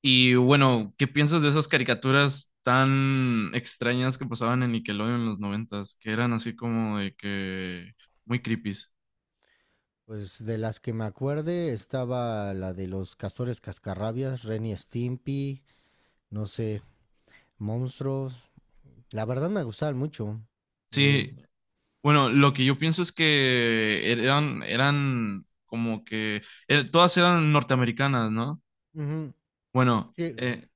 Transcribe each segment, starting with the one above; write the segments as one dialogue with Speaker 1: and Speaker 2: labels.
Speaker 1: Y bueno, ¿qué piensas de esas caricaturas tan extrañas que pasaban en Nickelodeon en los noventas? Que eran así como de que muy creepies.
Speaker 2: Pues de las que me acuerde estaba la de los castores cascarrabias, Ren y Stimpy, no sé, monstruos. La verdad me gustaban mucho. Eh,
Speaker 1: Sí, bueno, lo que yo pienso es que eran como que todas eran norteamericanas, ¿no?
Speaker 2: ujú,
Speaker 1: Bueno,
Speaker 2: sí,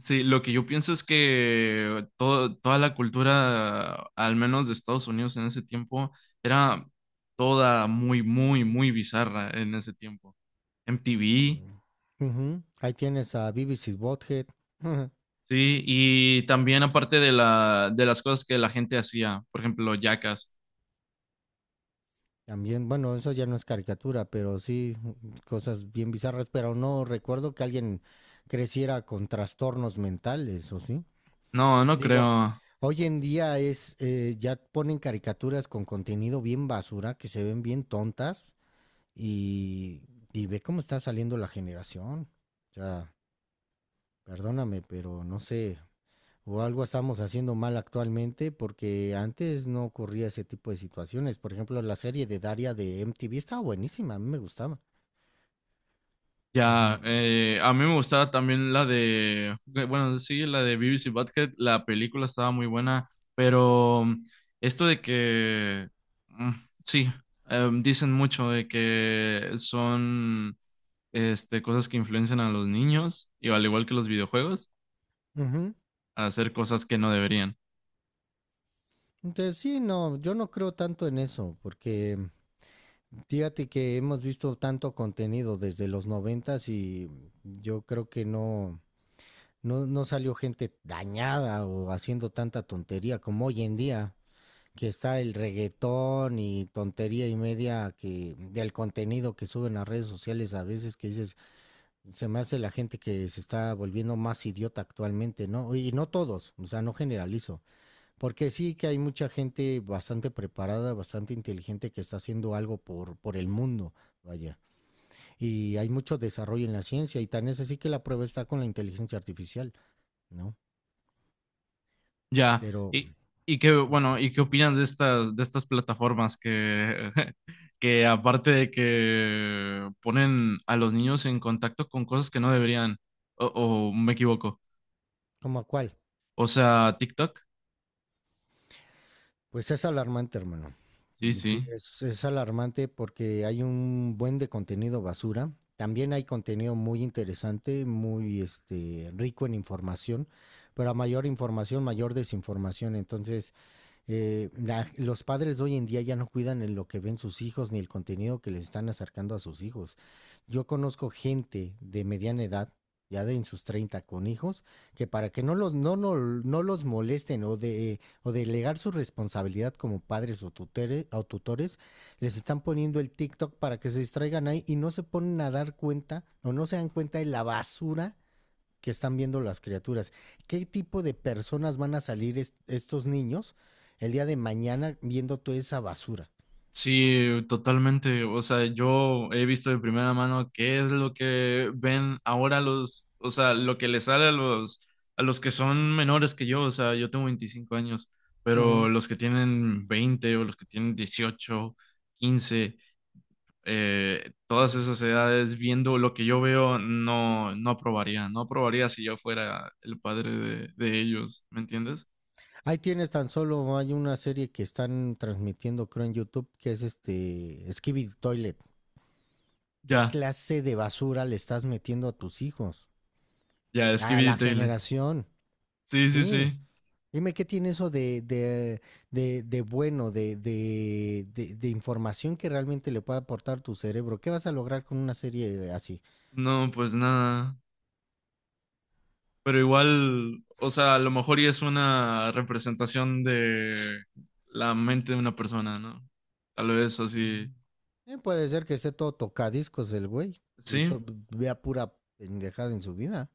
Speaker 1: sí, lo que yo pienso es que toda la cultura, al menos de Estados Unidos en ese tiempo, era toda muy, muy, muy bizarra en ese tiempo. MTV,
Speaker 2: mm, ujú. Ahí tienes a Beavis y Butthead.
Speaker 1: sí, y también aparte de de las cosas que la gente hacía, por ejemplo, Jackass.
Speaker 2: También, bueno, eso ya no es caricatura, pero sí cosas bien bizarras, pero no recuerdo que alguien creciera con trastornos mentales, ¿o sí?
Speaker 1: No, no
Speaker 2: Digo,
Speaker 1: creo.
Speaker 2: hoy en día es, ya ponen caricaturas con contenido bien basura, que se ven bien tontas y, y ve cómo está saliendo la generación. O sea, perdóname, pero no sé, o algo estamos haciendo mal actualmente porque antes no ocurría ese tipo de situaciones. Por ejemplo, la serie de Daria de MTV estaba buenísima, a mí me gustaba. Ujú,
Speaker 1: Ya, a mí me gustaba también la de, bueno, sí, la de Beavis y Butthead, la película estaba muy buena, pero esto de que, mm, sí, em, dicen mucho de que son cosas que influencian a los niños, y al igual que los videojuegos,
Speaker 2: ujú.
Speaker 1: a hacer cosas que no deberían.
Speaker 2: Entonces, sí, no, yo no creo tanto en eso porque fíjate que hemos visto tanto contenido desde los noventas y yo creo que no, no, no salió gente dañada o haciendo tanta tontería como hoy en día, que está el reggaetón y tontería y media que del contenido que suben a redes sociales a veces que dices, se me hace la gente que se está volviendo más idiota actualmente, ¿no? Y no todos, o sea, no generalizo, porque sí que hay mucha gente bastante preparada, bastante inteligente que está haciendo algo por el mundo, vaya. Y hay mucho desarrollo en la ciencia y tan es así que la prueba está con la inteligencia artificial, ¿no?
Speaker 1: Ya,
Speaker 2: Pero,
Speaker 1: y qué, bueno, ¿y qué opinas de estas plataformas que, que aparte de que ponen a los niños en contacto con cosas que no deberían, o me equivoco?
Speaker 2: ¿cómo a cuál?
Speaker 1: O sea, TikTok,
Speaker 2: Pues es alarmante, hermano.
Speaker 1: sí,
Speaker 2: Sí,
Speaker 1: sí.
Speaker 2: es alarmante porque hay un buen de contenido basura. También hay contenido muy interesante, muy este, rico en información, pero a mayor información, mayor desinformación. Entonces, los padres de hoy en día ya no cuidan en lo que ven sus hijos ni el contenido que les están acercando a sus hijos. Yo conozco gente de mediana edad, ya de en sus 30, con hijos, que para que no los, no los molesten o delegar su responsabilidad como padres o tutores, les están poniendo el TikTok para que se distraigan ahí y no se ponen a dar cuenta o no se dan cuenta de la basura que están viendo las criaturas. ¿Qué tipo de personas van a salir estos niños el día de mañana viendo toda esa basura?
Speaker 1: Sí, totalmente. O sea, yo he visto de primera mano qué es lo que ven ahora o sea, lo que les sale a a los que son menores que yo. O sea, yo tengo 25 años, pero
Speaker 2: Ujú.
Speaker 1: los que tienen 20 o los que tienen 18, 15, todas esas edades, viendo lo que yo veo, no, no aprobaría. No aprobaría si yo fuera el padre de ellos, ¿me entiendes?
Speaker 2: Ahí tienes tan solo, hay una serie que están transmitiendo, creo, en YouTube, que es este Skibidi Toilet. ¿Qué
Speaker 1: Ya,
Speaker 2: clase de basura le estás metiendo a tus hijos?
Speaker 1: ya,
Speaker 2: A
Speaker 1: escribí
Speaker 2: la
Speaker 1: Dylan.
Speaker 2: generación,
Speaker 1: Sí, sí,
Speaker 2: sí.
Speaker 1: sí.
Speaker 2: Dime qué tiene eso de bueno, de información que realmente le pueda aportar tu cerebro. ¿Qué vas a lograr con una serie así?
Speaker 1: No, pues nada. Pero igual, o sea, a lo mejor y es una representación de la mente de una persona, ¿no? Tal vez así.
Speaker 2: Mm. Puede ser que esté todo tocadiscos el güey
Speaker 1: Sí,
Speaker 2: vea pura pendejada en su vida.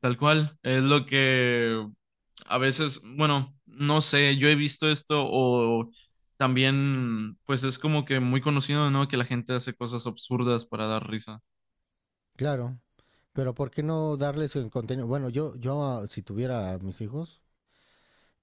Speaker 1: tal cual. Es lo que a veces, bueno, no sé, yo he visto esto o también, pues es como que muy conocido, ¿no? Que la gente hace cosas absurdas para dar risa.
Speaker 2: Claro. Pero ¿por qué no darles el contenido? Bueno, yo, si tuviera a mis hijos,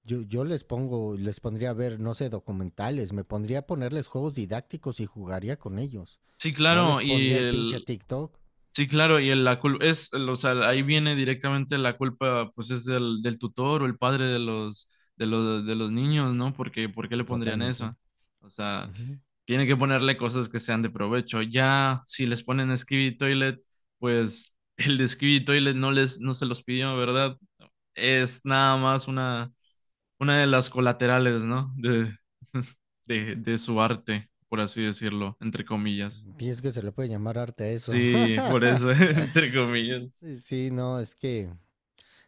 Speaker 2: yo les pondría a ver, no sé, documentales, me pondría a ponerles juegos didácticos y jugaría con ellos.
Speaker 1: Sí,
Speaker 2: No
Speaker 1: claro,
Speaker 2: les
Speaker 1: y
Speaker 2: pondría el pinche
Speaker 1: el,
Speaker 2: TikTok.
Speaker 1: sí, claro, la culpa es, o sea, ahí viene directamente la culpa, pues es del, del tutor o el padre de los, de los, de los niños, ¿no? Porque, ¿por qué le pondrían
Speaker 2: Totalmente.
Speaker 1: eso? O sea,
Speaker 2: Ujú.
Speaker 1: tiene que ponerle cosas que sean de provecho. Ya, si les ponen Skibidi Toilet, pues el de Skibidi Toilet no les, no se los pidió, ¿verdad? Es nada más una de las colaterales, ¿no? De, de su arte, por así decirlo, entre comillas.
Speaker 2: Y es que se le puede llamar arte a eso.
Speaker 1: Sí, por eso, entre comillas.
Speaker 2: Sí, no, es que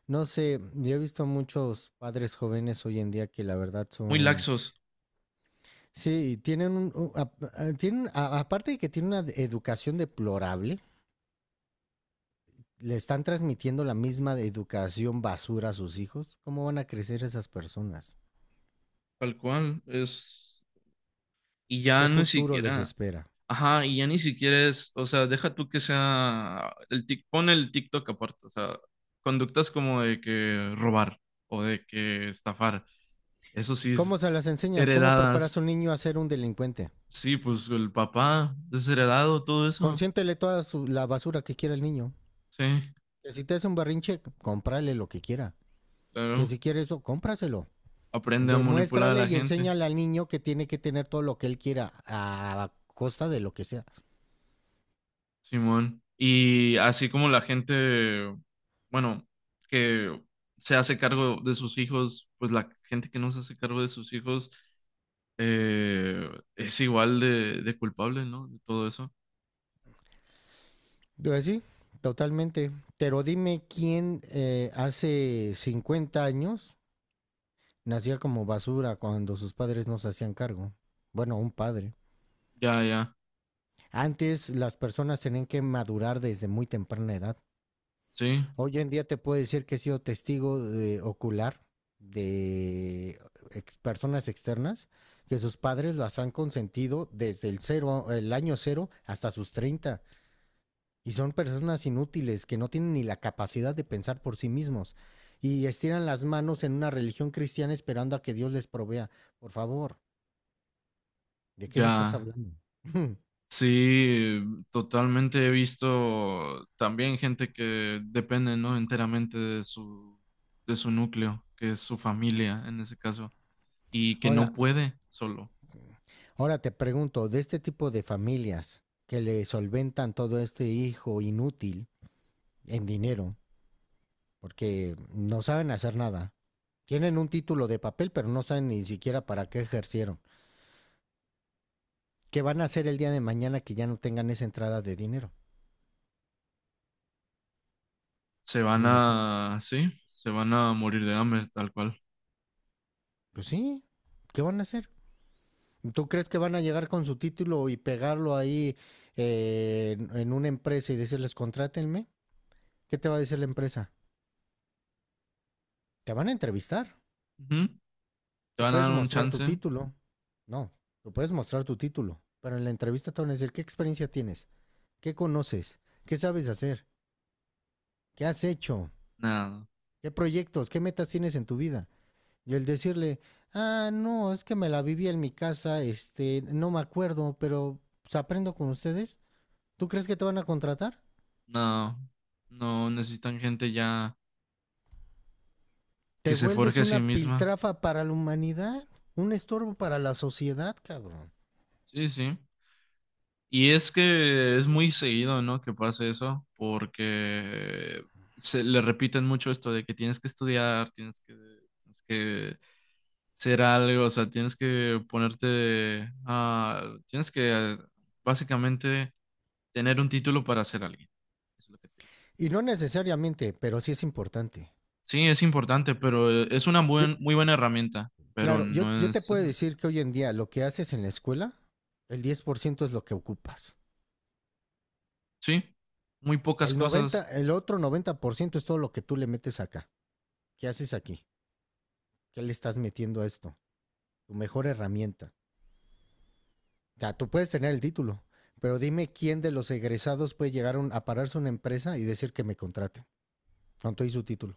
Speaker 2: no sé, yo he visto muchos padres jóvenes hoy en día que la verdad
Speaker 1: Muy
Speaker 2: son,
Speaker 1: laxos,
Speaker 2: sí, tienen, aparte de que tienen una educación deplorable, le están transmitiendo la misma de educación basura a sus hijos. ¿Cómo van a crecer esas personas?
Speaker 1: tal cual, es, y
Speaker 2: ¿Qué
Speaker 1: ya ni
Speaker 2: futuro les
Speaker 1: siquiera,
Speaker 2: espera?
Speaker 1: ajá, y ya ni siquiera es, o sea, deja tú que sea, pone el TikTok aparte, o sea, conductas como de que robar o de que estafar, eso sí,
Speaker 2: ¿Cómo
Speaker 1: es
Speaker 2: se las enseñas? ¿Cómo preparas a
Speaker 1: heredadas,
Speaker 2: un niño a ser un delincuente?
Speaker 1: sí, pues el papá, desheredado, todo eso,
Speaker 2: Consiéntele la basura que quiera el niño.
Speaker 1: sí,
Speaker 2: Que si te hace un barrinche, cómprale lo que quiera. Que
Speaker 1: claro,
Speaker 2: si quiere eso, cómpraselo.
Speaker 1: aprende a manipular a
Speaker 2: Demuéstrale
Speaker 1: la
Speaker 2: y
Speaker 1: gente.
Speaker 2: enséñale al niño que tiene que tener todo lo que él quiera a costa de lo que sea.
Speaker 1: Simón. Y así como la gente, bueno, que se hace cargo de sus hijos, pues la gente que no se hace cargo de sus hijos eh, es igual de culpable, ¿no? De todo eso.
Speaker 2: Pues sí, totalmente. Pero dime quién hace 50 años nacía como basura cuando sus padres no se hacían cargo. Bueno, un padre.
Speaker 1: Ya, ya,
Speaker 2: Antes las personas tenían que madurar desde muy temprana edad.
Speaker 1: sí,
Speaker 2: Hoy en día te puedo decir que he sido testigo ocular de personas externas que sus padres las han consentido desde el cero, el año cero hasta sus 30 y son personas inútiles que no tienen ni la capacidad de pensar por sí mismos y estiran las manos en una religión cristiana esperando a que Dios les provea. Por favor, ¿de qué me estás
Speaker 1: ya,
Speaker 2: hablando?
Speaker 1: sí, totalmente he visto también gente que depende, ¿no? Enteramente de su núcleo, que es su familia en ese caso, y que no
Speaker 2: Ahora,
Speaker 1: puede solo.
Speaker 2: ahora te pregunto, de este tipo de familias que le solventan todo este hijo inútil, en dinero, porque no saben hacer nada. Tienen un título de papel, pero no saben ni siquiera para qué ejercieron. ¿Qué van a hacer el día de mañana que ya no tengan esa entrada de dinero?
Speaker 1: Se van
Speaker 2: Dime tú.
Speaker 1: a, sí, se van a morir de hambre, tal cual.
Speaker 2: Pues sí, ¿qué van a hacer? ¿Tú crees que van a llegar con su título y pegarlo ahí una empresa y decirles contrátenme? ¿Qué te va a decir la empresa? Te van a entrevistar.
Speaker 1: Ujú. ¿Te
Speaker 2: Tú
Speaker 1: van a dar
Speaker 2: puedes
Speaker 1: un
Speaker 2: mostrar tu
Speaker 1: chance?
Speaker 2: título. No, tú puedes mostrar tu título. Pero en la entrevista te van a decir qué experiencia tienes, qué conoces, qué sabes hacer. ¿Qué has hecho?
Speaker 1: Nada,
Speaker 2: ¿Qué proyectos? ¿Qué metas tienes en tu vida? Y el decirle, ah, no, es que me la viví en mi casa, este, no me acuerdo, pero pues, aprendo con ustedes. ¿Tú crees que te van a contratar?
Speaker 1: no, no necesitan gente ya que
Speaker 2: Te
Speaker 1: se forje
Speaker 2: vuelves
Speaker 1: a
Speaker 2: una
Speaker 1: sí misma.
Speaker 2: piltrafa para la humanidad, un estorbo para la sociedad, cabrón.
Speaker 1: Sí, sí. Y es que es muy seguido, ¿no? Que pase eso, porque se le repiten mucho esto de que tienes que estudiar, tienes que ser algo, o sea, tienes que ponerte, ah, tienes que básicamente tener un título para ser alguien. Eso es lo que te dice.
Speaker 2: Y no necesariamente, pero sí es importante.
Speaker 1: Sí, es importante, pero es una
Speaker 2: Yo,
Speaker 1: muy buena herramienta, pero
Speaker 2: claro, yo,
Speaker 1: no
Speaker 2: yo te
Speaker 1: es
Speaker 2: puedo
Speaker 1: esencial.
Speaker 2: decir que hoy en día lo que haces en la escuela, el 10% es lo que ocupas.
Speaker 1: Sí, muy pocas
Speaker 2: El 90,
Speaker 1: cosas.
Speaker 2: el otro 90% es todo lo que tú le metes acá. ¿Qué haces aquí? ¿Qué le estás metiendo a esto? Tu mejor herramienta. O sea, tú puedes tener el título, pero dime quién de los egresados puede llegar a pararse a una empresa y decir que me contraten. ¿Cuánto hizo su título?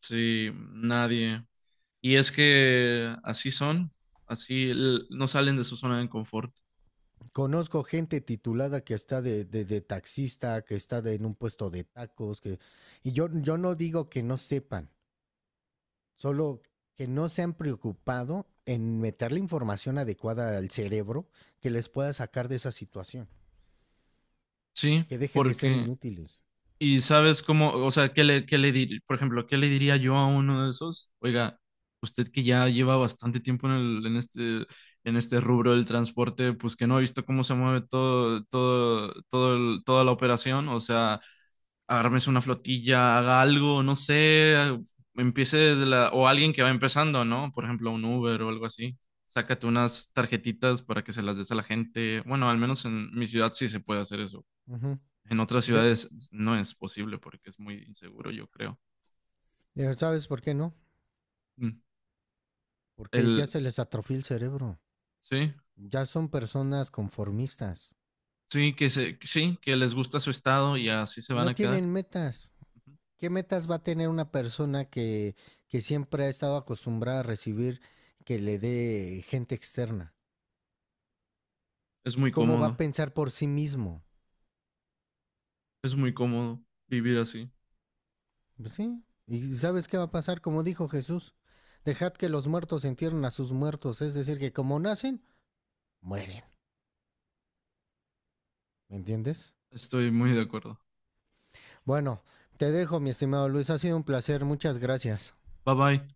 Speaker 1: Sí, nadie. Y es que así son, no salen de su zona de confort.
Speaker 2: Conozco gente titulada que está de taxista, que está en un puesto de tacos, que... Y yo no digo que no sepan, solo que no se han preocupado en meter la información adecuada al cerebro que les pueda sacar de esa situación,
Speaker 1: Sí,
Speaker 2: que dejen de ser
Speaker 1: porque
Speaker 2: inútiles.
Speaker 1: y sabes cómo, o sea, por ejemplo, ¿qué le diría yo a uno de esos? Oiga, usted que ya lleva bastante tiempo en el, en este rubro del transporte, pues que no ha visto cómo se mueve todo, todo, toda la operación, o sea, agárrese una flotilla, haga algo, no sé, ah, empiece de la, o alguien que va empezando, ¿no? Por ejemplo, un Uber o algo así. Sácate unas tarjetitas para que se las des a la gente. Bueno, al menos en mi ciudad sí se puede hacer eso.
Speaker 2: Ujú.
Speaker 1: En otras
Speaker 2: Ya,
Speaker 1: ciudades no es posible porque es muy inseguro, yo creo.
Speaker 2: Ya, ¿sabes por qué no?
Speaker 1: Mm.
Speaker 2: Porque ya
Speaker 1: El,
Speaker 2: se les atrofió el cerebro.
Speaker 1: sí,
Speaker 2: Ya son personas conformistas.
Speaker 1: sí, que se, sí, que les gusta su estado y así se van
Speaker 2: No
Speaker 1: a quedar.
Speaker 2: tienen metas. ¿Qué metas va a tener una persona que siempre ha estado acostumbrada a recibir que le dé gente externa?
Speaker 1: Es muy
Speaker 2: ¿Cómo va a
Speaker 1: cómodo,
Speaker 2: pensar por sí mismo?
Speaker 1: es muy cómodo vivir así.
Speaker 2: Pues sí. ¿Y sabes qué va a pasar? Como dijo Jesús, dejad que los muertos entierren a sus muertos. Es decir, que como nacen, mueren. ¿Me entiendes?
Speaker 1: Estoy muy de acuerdo.
Speaker 2: Bueno, te dejo, mi estimado Luis. Ha sido un placer. Muchas gracias.
Speaker 1: Bye bye.